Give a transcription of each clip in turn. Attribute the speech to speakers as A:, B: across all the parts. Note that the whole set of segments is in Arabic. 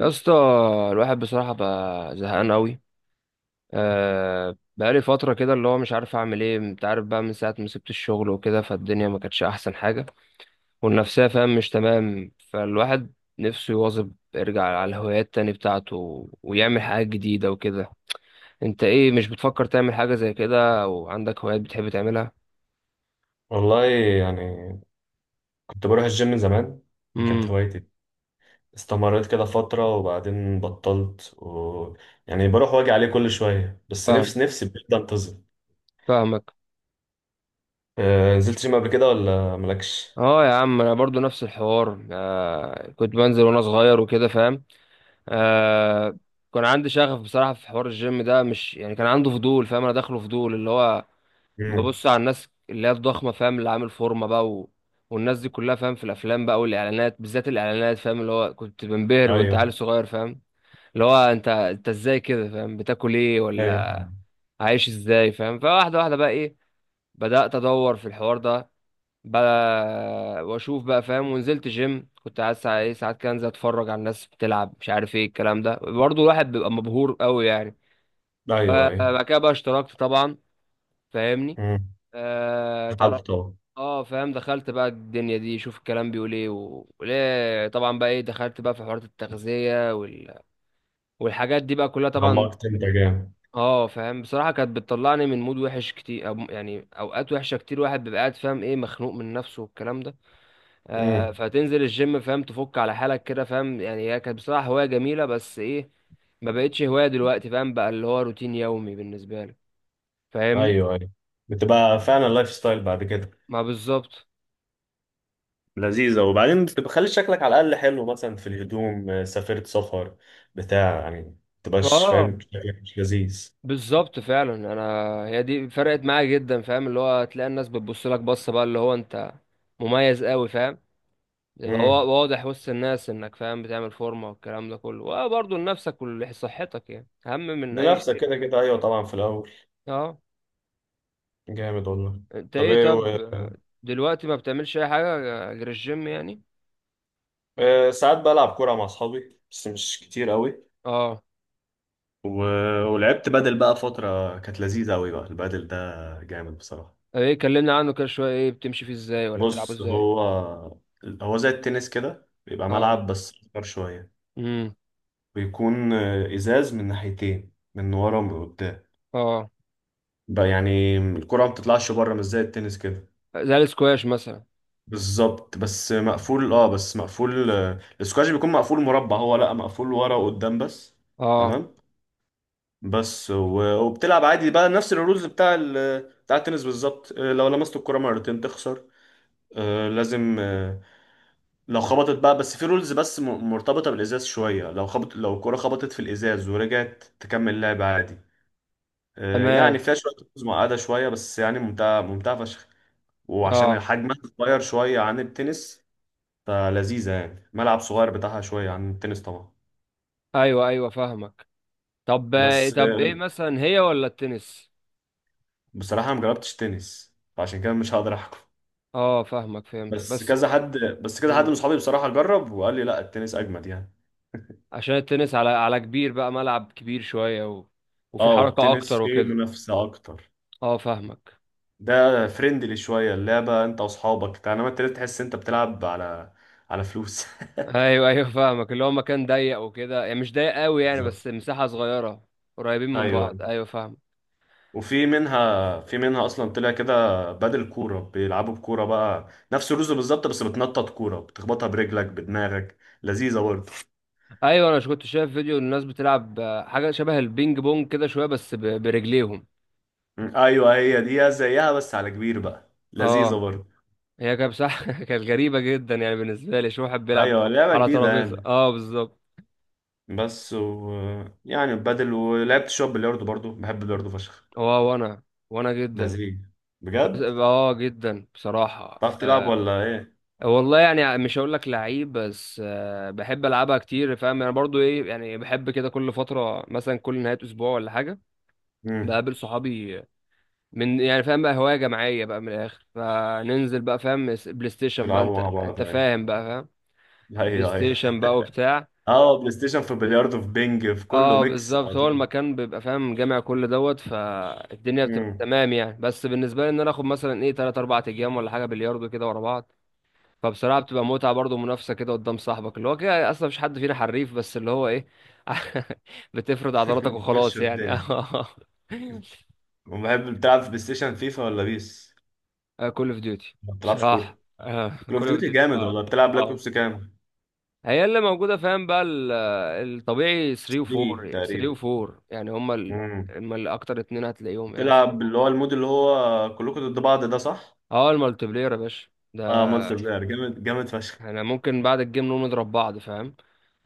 A: يا اسطى، الواحد بصراحة بقى زهقان قوي. أه، بقالي فترة كده اللي هو مش عارف أعمل إيه. أنت عارف بقى من ساعة ما سبت الشغل وكده فالدنيا ما كانتش أحسن حاجة، والنفسية فاهم مش تمام. فالواحد نفسه يواظب يرجع على الهوايات تاني بتاعته ويعمل حاجات جديدة وكده. أنت إيه، مش بتفكر تعمل حاجة زي كده أو عندك هوايات بتحب تعملها؟
B: والله يعني كنت بروح الجيم من زمان. دي كانت
A: امم
B: هوايتي. استمريت كده فترة وبعدين بطلت يعني بروح واجي عليه كل شوية. بس
A: فاهم،
B: نفسي نفسي بجد انتظم.
A: فاهمك.
B: نزلت جيم قبل كده ولا مالكش؟
A: اه يا عم، انا برضو نفس الحوار. آه كنت بنزل وانا صغير وكده فاهم. آه، كان عندي شغف بصراحة في حوار الجيم ده. مش يعني كان عنده فضول، فاهم انا داخله فضول اللي هو
B: مم.
A: ببص على الناس اللي هي الضخمة فاهم، اللي عامل فورمة بقى و... والناس دي كلها، فاهم، في الافلام بقى والاعلانات، بالذات الاعلانات فاهم، اللي هو كنت بنبهر وانت
B: ايوه،
A: عيل صغير فاهم، اللي هو انت ازاي كده فاهم، بتاكل ايه ولا
B: ايوه.
A: عايش ازاي فاهم. فواحدة واحدة بقى ايه، بدأت ادور في الحوار ده بقى واشوف بقى فاهم. ونزلت جيم، كنت عايز ساعات إيه، ساعات كده انزل اتفرج على الناس بتلعب، مش عارف ايه الكلام ده. برضه الواحد بيبقى مبهور قوي يعني. ف-
B: ايوه، ايوه.
A: بعد كده بقى اشتركت طبعا، فاهمني.
B: مم.
A: آه تعرف،
B: حالته.
A: اه فاهم. دخلت بقى الدنيا دي، شوف الكلام بيقول ايه وليه، طبعا بقى ايه دخلت بقى في حوارات التغذية والحاجات دي بقى كلها طبعا.
B: عمقت انت جامد.
A: اه فاهم، بصراحة كانت بتطلعني من مود وحش كتير، أو يعني اوقات وحشة كتير. واحد بيبقى قاعد فاهم ايه مخنوق من نفسه والكلام ده.
B: امم
A: فتنزل الجيم فاهم، تفك على حالك كده فاهم. يعني هي كانت بصراحة هواية جميلة، بس ايه، ما بقتش هواية دلوقتي فاهم. بقى اللي هو روتين يومي بالنسبة لي، فاهمني.
B: ايوه، ايوه. بتبقى فعلا لايف ستايل بعد كده.
A: ما بالظبط.
B: لذيذة، وبعدين بتبقى خلي شكلك على الأقل حلو، مثلا في الهدوم. سافرت سفر بتاع يعني ما تبقاش
A: اه
B: فاهم شكلك مش لذيذ.
A: بالظبط فعلا. انا هي دي فرقت معايا جدا فاهم، اللي هو تلاقي الناس بتبص لك بصة بقى اللي هو انت مميز قوي فاهم، يبقى
B: امم
A: واضح وسط الناس انك فاهم بتعمل فورمة والكلام ده كله. وبرضه لنفسك ولصحتك يعني اهم من اي
B: لنفسك
A: شيء.
B: كده كده، أيوه طبعا في الأول.
A: اه.
B: جامد والله.
A: انت
B: طب
A: ايه
B: إيه
A: طب، دلوقتي ما بتعملش اي حاجه غير الجيم يعني؟
B: ساعات بلعب كورة مع أصحابي بس مش كتير قوي.
A: اه.
B: و... ولعبت بدل بقى فترة، كانت لذيذة قوي بقى البدل ده. جامد بصراحة.
A: ايه، كلمنا عنه كده شويه، ايه بتمشي فيه ازاي ولا بتلعبه
B: بص،
A: ازاي؟
B: هو زي التنس كده، بيبقى
A: اه،
B: ملعب بس أكبر شوية.
A: امم،
B: بيكون إزاز من ناحيتين، من ورا ومن قدام
A: اه،
B: بقى. يعني الكرة ما بتطلعش بره مش زي التنس كده.
A: زي السكواش مثلا.
B: بالظبط، بس مقفول السكواش بيكون مقفول مربع. هو لا، مقفول ورا وقدام بس.
A: اه
B: تمام. وبتلعب عادي بقى نفس الرولز بتاع التنس بالظبط. لو لمست الكرة مرتين تخسر. آه، لازم آه، لو خبطت بقى، بس في رولز مرتبطة بالإزاز شوية. لو الكرة خبطت في الإزاز ورجعت تكمل لعب عادي. يعني
A: تمام.
B: فيها شوية رولز معقدة شوية، بس يعني ممتعة ممتعة فشخ. وعشان
A: اه
B: حجمها صغير شوية عن التنس، فلذيذة يعني. ملعب صغير بتاعها شوية عن التنس طبعا.
A: ايوه ايوه فاهمك. طب ايه،
B: بس
A: طب
B: آه،
A: ايه مثلا، هي ولا التنس؟
B: بصراحة ما جربتش تنس، فعشان كده مش هقدر أحكم.
A: اه فاهمك، فهمت.
B: بس
A: بس
B: كذا حد
A: مم.
B: من صحابي بصراحة جرب وقال لي لا، التنس أجمد يعني.
A: عشان التنس على كبير بقى، ملعب كبير شويه و... وفي
B: اه
A: حركه اكتر
B: التنس فيه
A: وكده.
B: منافسة أكتر.
A: اه فاهمك.
B: ده فريندلي شوية اللعبة، انت واصحابك، انما انت ليه تحس انت بتلعب على فلوس.
A: ايوه ايوه فاهمك، اللي هو مكان ضيق وكده، يعني مش ضيق قوي يعني،
B: بالظبط.
A: بس مساحه صغيره، قريبين من
B: ايوه.
A: بعض. ايوه فاهم.
B: وفي منها في منها اصلا طلع كده. بدل كورة بيلعبوا بكورة، بقى نفس الرز بالظبط، بس بتنطط كورة بتخبطها برجلك بدماغك. لذيذة برضه.
A: ايوه انا مش كنت شايف فيديو الناس بتلعب. آه، حاجه شبه البينج بونج كده شويه، بس برجليهم.
B: ايوه هي دي زيها بس على كبير بقى. لذيذة
A: اه،
B: برضه.
A: هي كانت بصراحه كانت غريبه جدا يعني بالنسبه لي، شو واحد بيلعب
B: ايوه، لعبة
A: على
B: جديدة
A: ترابيزه.
B: يعني.
A: اه بالظبط.
B: بس و... يعني بدل. ولعبت شوية بلياردو برضه، بحب البلياردو فشخ.
A: اه وانا جدا.
B: لذيذ
A: بس
B: بجد.
A: اه جدا بصراحه.
B: تعرف تلعب
A: آه،
B: ولا؟
A: والله يعني مش هقول لك لعيب، بس آه، بحب العبها كتير فاهم. انا برضو ايه يعني بحب كده، كل فتره مثلا كل نهايه اسبوع ولا حاجه
B: ايه؟
A: بقابل صحابي. من يعني فاهم بقى هوايه جماعيه بقى، من الاخر فننزل بقى فاهم بلاي ستيشن بقى.
B: بيلعبوا
A: انت
B: مع بعض.
A: انت
B: هاي،
A: فاهم بقى، فاهم.
B: هاي،
A: بلاي
B: هاي.
A: ستيشن بقى وبتاع.
B: اه بلاي ستيشن، في بلياردو، في بينج، في كله
A: اه
B: ميكس على
A: بالظبط، هو
B: طول.
A: المكان بيبقى فاهم جامع كل دوت. فالدنيا بتبقى
B: مم.
A: تمام يعني. بس بالنسبه لي ان انا اخد مثلا ايه 3 4 ايام ولا حاجه بلياردو كده ورا بعض. فبصراحة بتبقى متعة برضه، منافسة كده قدام صاحبك، اللي هو كده أصلا مفيش حد فينا حريف، بس اللي هو إيه بتفرد عضلاتك
B: بتمشي
A: وخلاص يعني.
B: الدنيا. وبحب. بتلعب في بلاي ستيشن فيفا ولا بيس؟
A: كول أوف ديوتي
B: ما بتلعبش
A: بصراحة.
B: كورة. كول اوف
A: كول أوف
B: ديوتي
A: ديوتي
B: جامد
A: اه.
B: والله. بتلعب بلاك
A: اه،
B: اوبس كام؟
A: هي اللي موجودة فاهم بقى الطبيعي 3 و
B: 3
A: 4.
B: تقريبا.
A: يعني هما ال...
B: مم.
A: هما الأكتر اتنين هتلاقيهم يعني.
B: بتلعب اللي هو المود، اللي هو كلكم ضد بعض، ده صح؟
A: اه المالتي بلاير يا باشا ده.
B: اه مونستر بلاير. جامد، جامد فشخ.
A: احنا ممكن بعد الجيم نقوم نضرب بعض فاهم.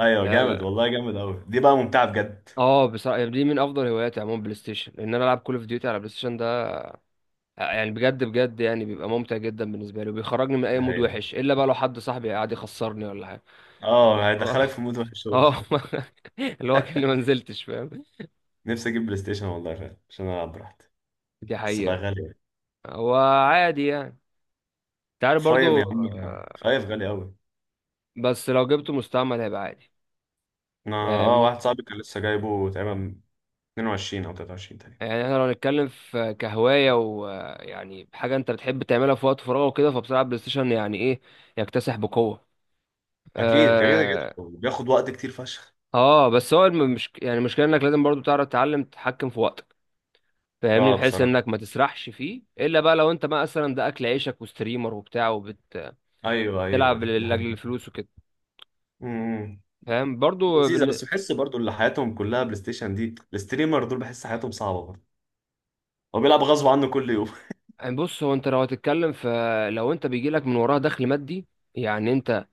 B: ايوه جامد
A: لا.
B: والله، جامد قوي. دي بقى ممتعة بجد.
A: اه بصراحة يعني دي من أفضل هواياتي عموما، بلاي ستيشن. لأن أنا ألعب كول أوف ديوتي على بلاي ستيشن. آه، يعني بجد بجد يعني بيبقى ممتع جدا بالنسبه لي، وبيخرجني من اي
B: دي
A: مود
B: حقيقة.
A: وحش، الا بقى لو حد صاحبي قاعد يخسرني ولا حاجه.
B: اه
A: اه.
B: هيدخلك في مود وحش أوي.
A: آه. اللي هو كأني ما نزلتش فاهم.
B: نفسي اجيب بلاي ستيشن والله فعلا، عشان العب براحتي.
A: دي
B: بس بقى
A: حقيقه.
B: غالي.
A: هو عادي يعني، انت عارف
B: فايف
A: برضو.
B: يا عم،
A: آه،
B: فايف غالي قوي.
A: بس لو جبته مستعمل هيبقى عادي،
B: انا،
A: فاهمني.
B: واحد صاحبي كان لسه جايبه تقريبا 22 او 23 تاني.
A: يعني احنا لو نتكلم في كهوايه، ويعني حاجه انت بتحب تعملها في وقت فراغك وكده، فبصراحه البلاي ستيشن يعني ايه، يكتسح بقوه.
B: اكيد، كده كده
A: اه.
B: بياخد وقت كتير فشخ.
A: آه، بس هو مش يعني المشكله انك لازم برضو تعرف تتعلم تتحكم في وقتك، فاهمني،
B: اه
A: بحيث انك
B: بصراحه،
A: ما تسرحش فيه، الا بقى لو انت بقى مثلا ده اكل عيشك وستريمر وبتاع وبتلعب
B: ايوه، ايوه،
A: لاجل
B: أيوة، ده حقيقي.
A: الفلوس وكده
B: امم
A: فاهم. برضو
B: لذيذه، بس بحس برضو اللي حياتهم كلها بلاي ستيشن دي، الستريمر دول، بحس حياتهم صعبه برضو. هو بيلعب غصب عنه كل يوم.
A: يعني بص هو، انت لو هتتكلم، فلو انت بيجي لك من وراها دخل مادي يعني انت،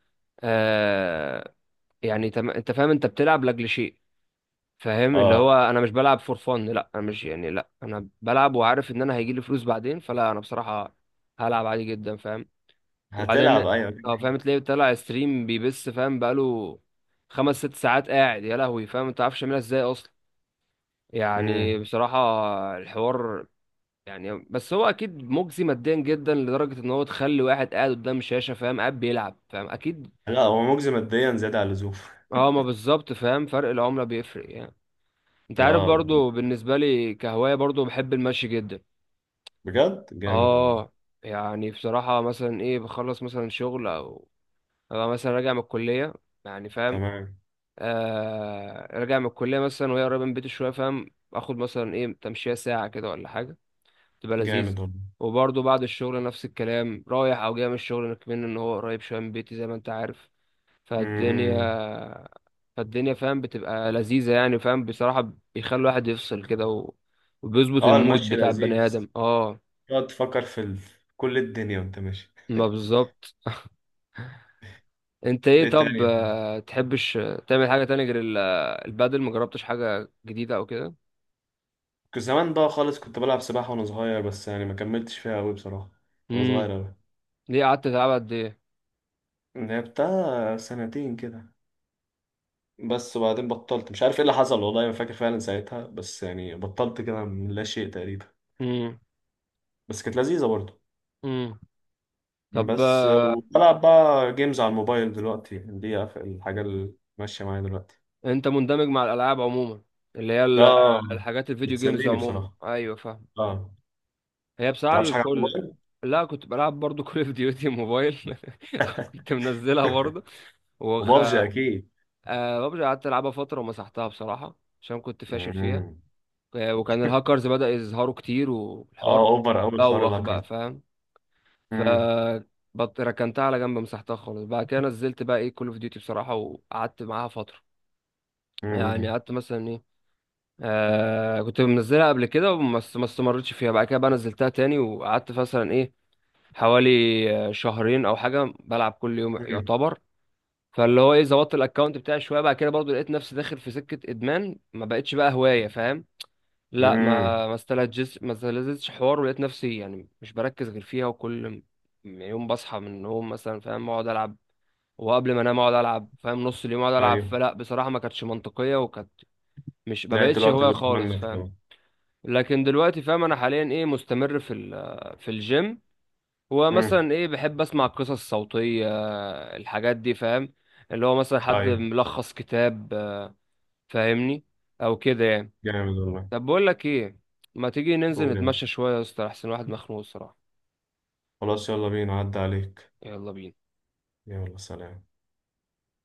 A: آه، يعني انت فاهم انت بتلعب لاجل شيء فاهم. اللي
B: اه
A: هو انا مش بلعب فور فن. لا انا مش يعني، لا انا بلعب وعارف ان انا هيجي لي فلوس بعدين، فلا انا بصراحة هلعب عادي جدا فاهم. وبعدين
B: هتلعب، ايوه.
A: اه فاهم تلاقيه طلع ستريم بيبث فاهم، بقاله خمس ست ساعات قاعد. يا لهوي فاهم، انت عارفش يعملها ازاي اصلا، يعني
B: امم
A: بصراحة الحوار. يعني بس هو اكيد مجزي ماديا جدا، لدرجة ان هو تخلي واحد قاعد قدام شاشة فاهم قاعد بيلعب فاهم، اكيد.
B: لا، هو مجزي ماديا زياده عن اللزوم.
A: اه ما بالظبط فاهم، فرق العملة بيفرق يعني. انت عارف
B: اه
A: برضو بالنسبة لي كهواية برضو، بحب المشي جدا.
B: بجد جامد والله.
A: اه. يعني بصراحة مثلا ايه، بخلص مثلا شغل، او أبقى مثلا راجع من الكلية، يعني فاهم.
B: تمام.
A: آه راجع من الكلية مثلا، وهي قريبة من بيتي شوية فاهم، اخد مثلا ايه تمشية ساعة كده ولا حاجة، تبقى لذيذ.
B: جامد والله.
A: وبرضه بعد الشغل نفس الكلام، رايح او جاي من الشغل كمان، ان هو قريب شوية من بيتي زي ما انت عارف.
B: امم
A: فالدنيا فالدنيا فاهم بتبقى لذيذة يعني فاهم، بصراحة بيخلي الواحد يفصل كده و... وبيظبط
B: اه
A: المود
B: المشي
A: بتاع البني
B: لذيذ.
A: آدم. اه
B: تقعد تفكر في كل الدنيا وانت ماشي.
A: ما بالظبط. انت ايه
B: ايه تاني
A: طب،
B: يا عم؟
A: آه، تحبش تعمل حاجة تانية غير البادل؟ مجربتش حاجة جديدة او كده؟
B: كنت زمان بقى خالص، كنت بلعب سباحة وانا صغير، بس يعني ما كملتش فيها قوي بصراحة. وانا صغير قوي.
A: ليه، قعدت تلعب قد ايه؟
B: لعبتها سنتين كده بس. وبعدين بطلت، مش عارف ايه اللي حصل، والله ما فاكر فعلا ساعتها، بس يعني بطلت كده من لا شيء تقريبا.
A: امم.
B: بس كانت لذيذة برضه.
A: امم. طب
B: بس
A: آه،
B: بلعب بقى جيمز على الموبايل دلوقتي. دي الحاجة اللي ماشية معايا دلوقتي.
A: انت مندمج مع الالعاب عموما، اللي هي
B: اه
A: الحاجات الفيديو جيمز
B: بتسليني
A: عموما؟
B: بصراحة.
A: ايوه فاهم.
B: اه، ما
A: هي بصراحه
B: بتلعبش حاجة على
A: الكل.
B: الموبايل؟
A: لا كنت بلعب برضو كول اوف ديوتي موبايل. كنت منزلها برضو. وخ
B: وبابجي اكيد.
A: آه، ببجي قعدت العبها فتره ومسحتها بصراحه عشان كنت فاشل فيها.
B: مم.
A: آه، وكان الهاكرز بدأ يظهروا كتير والحوار
B: اه اوفر قوي الحوار
A: بوخ
B: الاكر
A: بقى
B: ده.
A: فاهم. ف
B: امم
A: ركنتها على جنب، مسحتها خالص. بعد كده نزلت بقى ايه كول اوف ديوتي بصراحه، وقعدت معاها فتره، يعني
B: امم
A: قعدت مثلا ايه. آه كنت منزلها قبل كده بس ما استمرتش فيها، بعد كده بقى نزلتها تاني وقعدت مثلا ايه حوالي آه، شهرين او حاجه بلعب كل يوم
B: امم
A: يعتبر. فاللي هو ايه، ظبطت الاكونت بتاعي شويه. بعد كده برضو لقيت نفسي داخل في سكه ادمان، ما بقتش بقى هوايه فاهم. لا
B: امم
A: ما استلذتش، ما استلذتش حوار. ولقيت نفسي يعني مش بركز غير فيها، وكل يوم بصحى من النوم مثلا فاهم اقعد العب، وقبل ما انام اقعد العب فاهم، نص اليوم اقعد العب.
B: ايوه،
A: فلا بصراحه ما كانتش منطقيه، وكانت مش، ما
B: نهاية
A: بقتش
B: الوقت
A: هوايه
B: بيروح
A: خالص
B: منك
A: فاهم.
B: طبعا.
A: لكن دلوقتي فاهم انا حاليا ايه، مستمر في في الجيم.
B: امم
A: ومثلا ايه بحب اسمع قصص صوتيه، الحاجات دي فاهم، اللي هو مثلا حد
B: ايوه
A: ملخص كتاب. آه، فاهمني، او كده يعني.
B: جامد والله.
A: طب بقول لك ايه، ما تيجي ننزل
B: قول يا
A: نتمشى
B: باشا.
A: شويه يا اسطى؟ احسن واحد مخنوق الصراحه.
B: خلاص يلا بينا، عدى عليك.
A: يلا بينا.
B: يلا، سلام.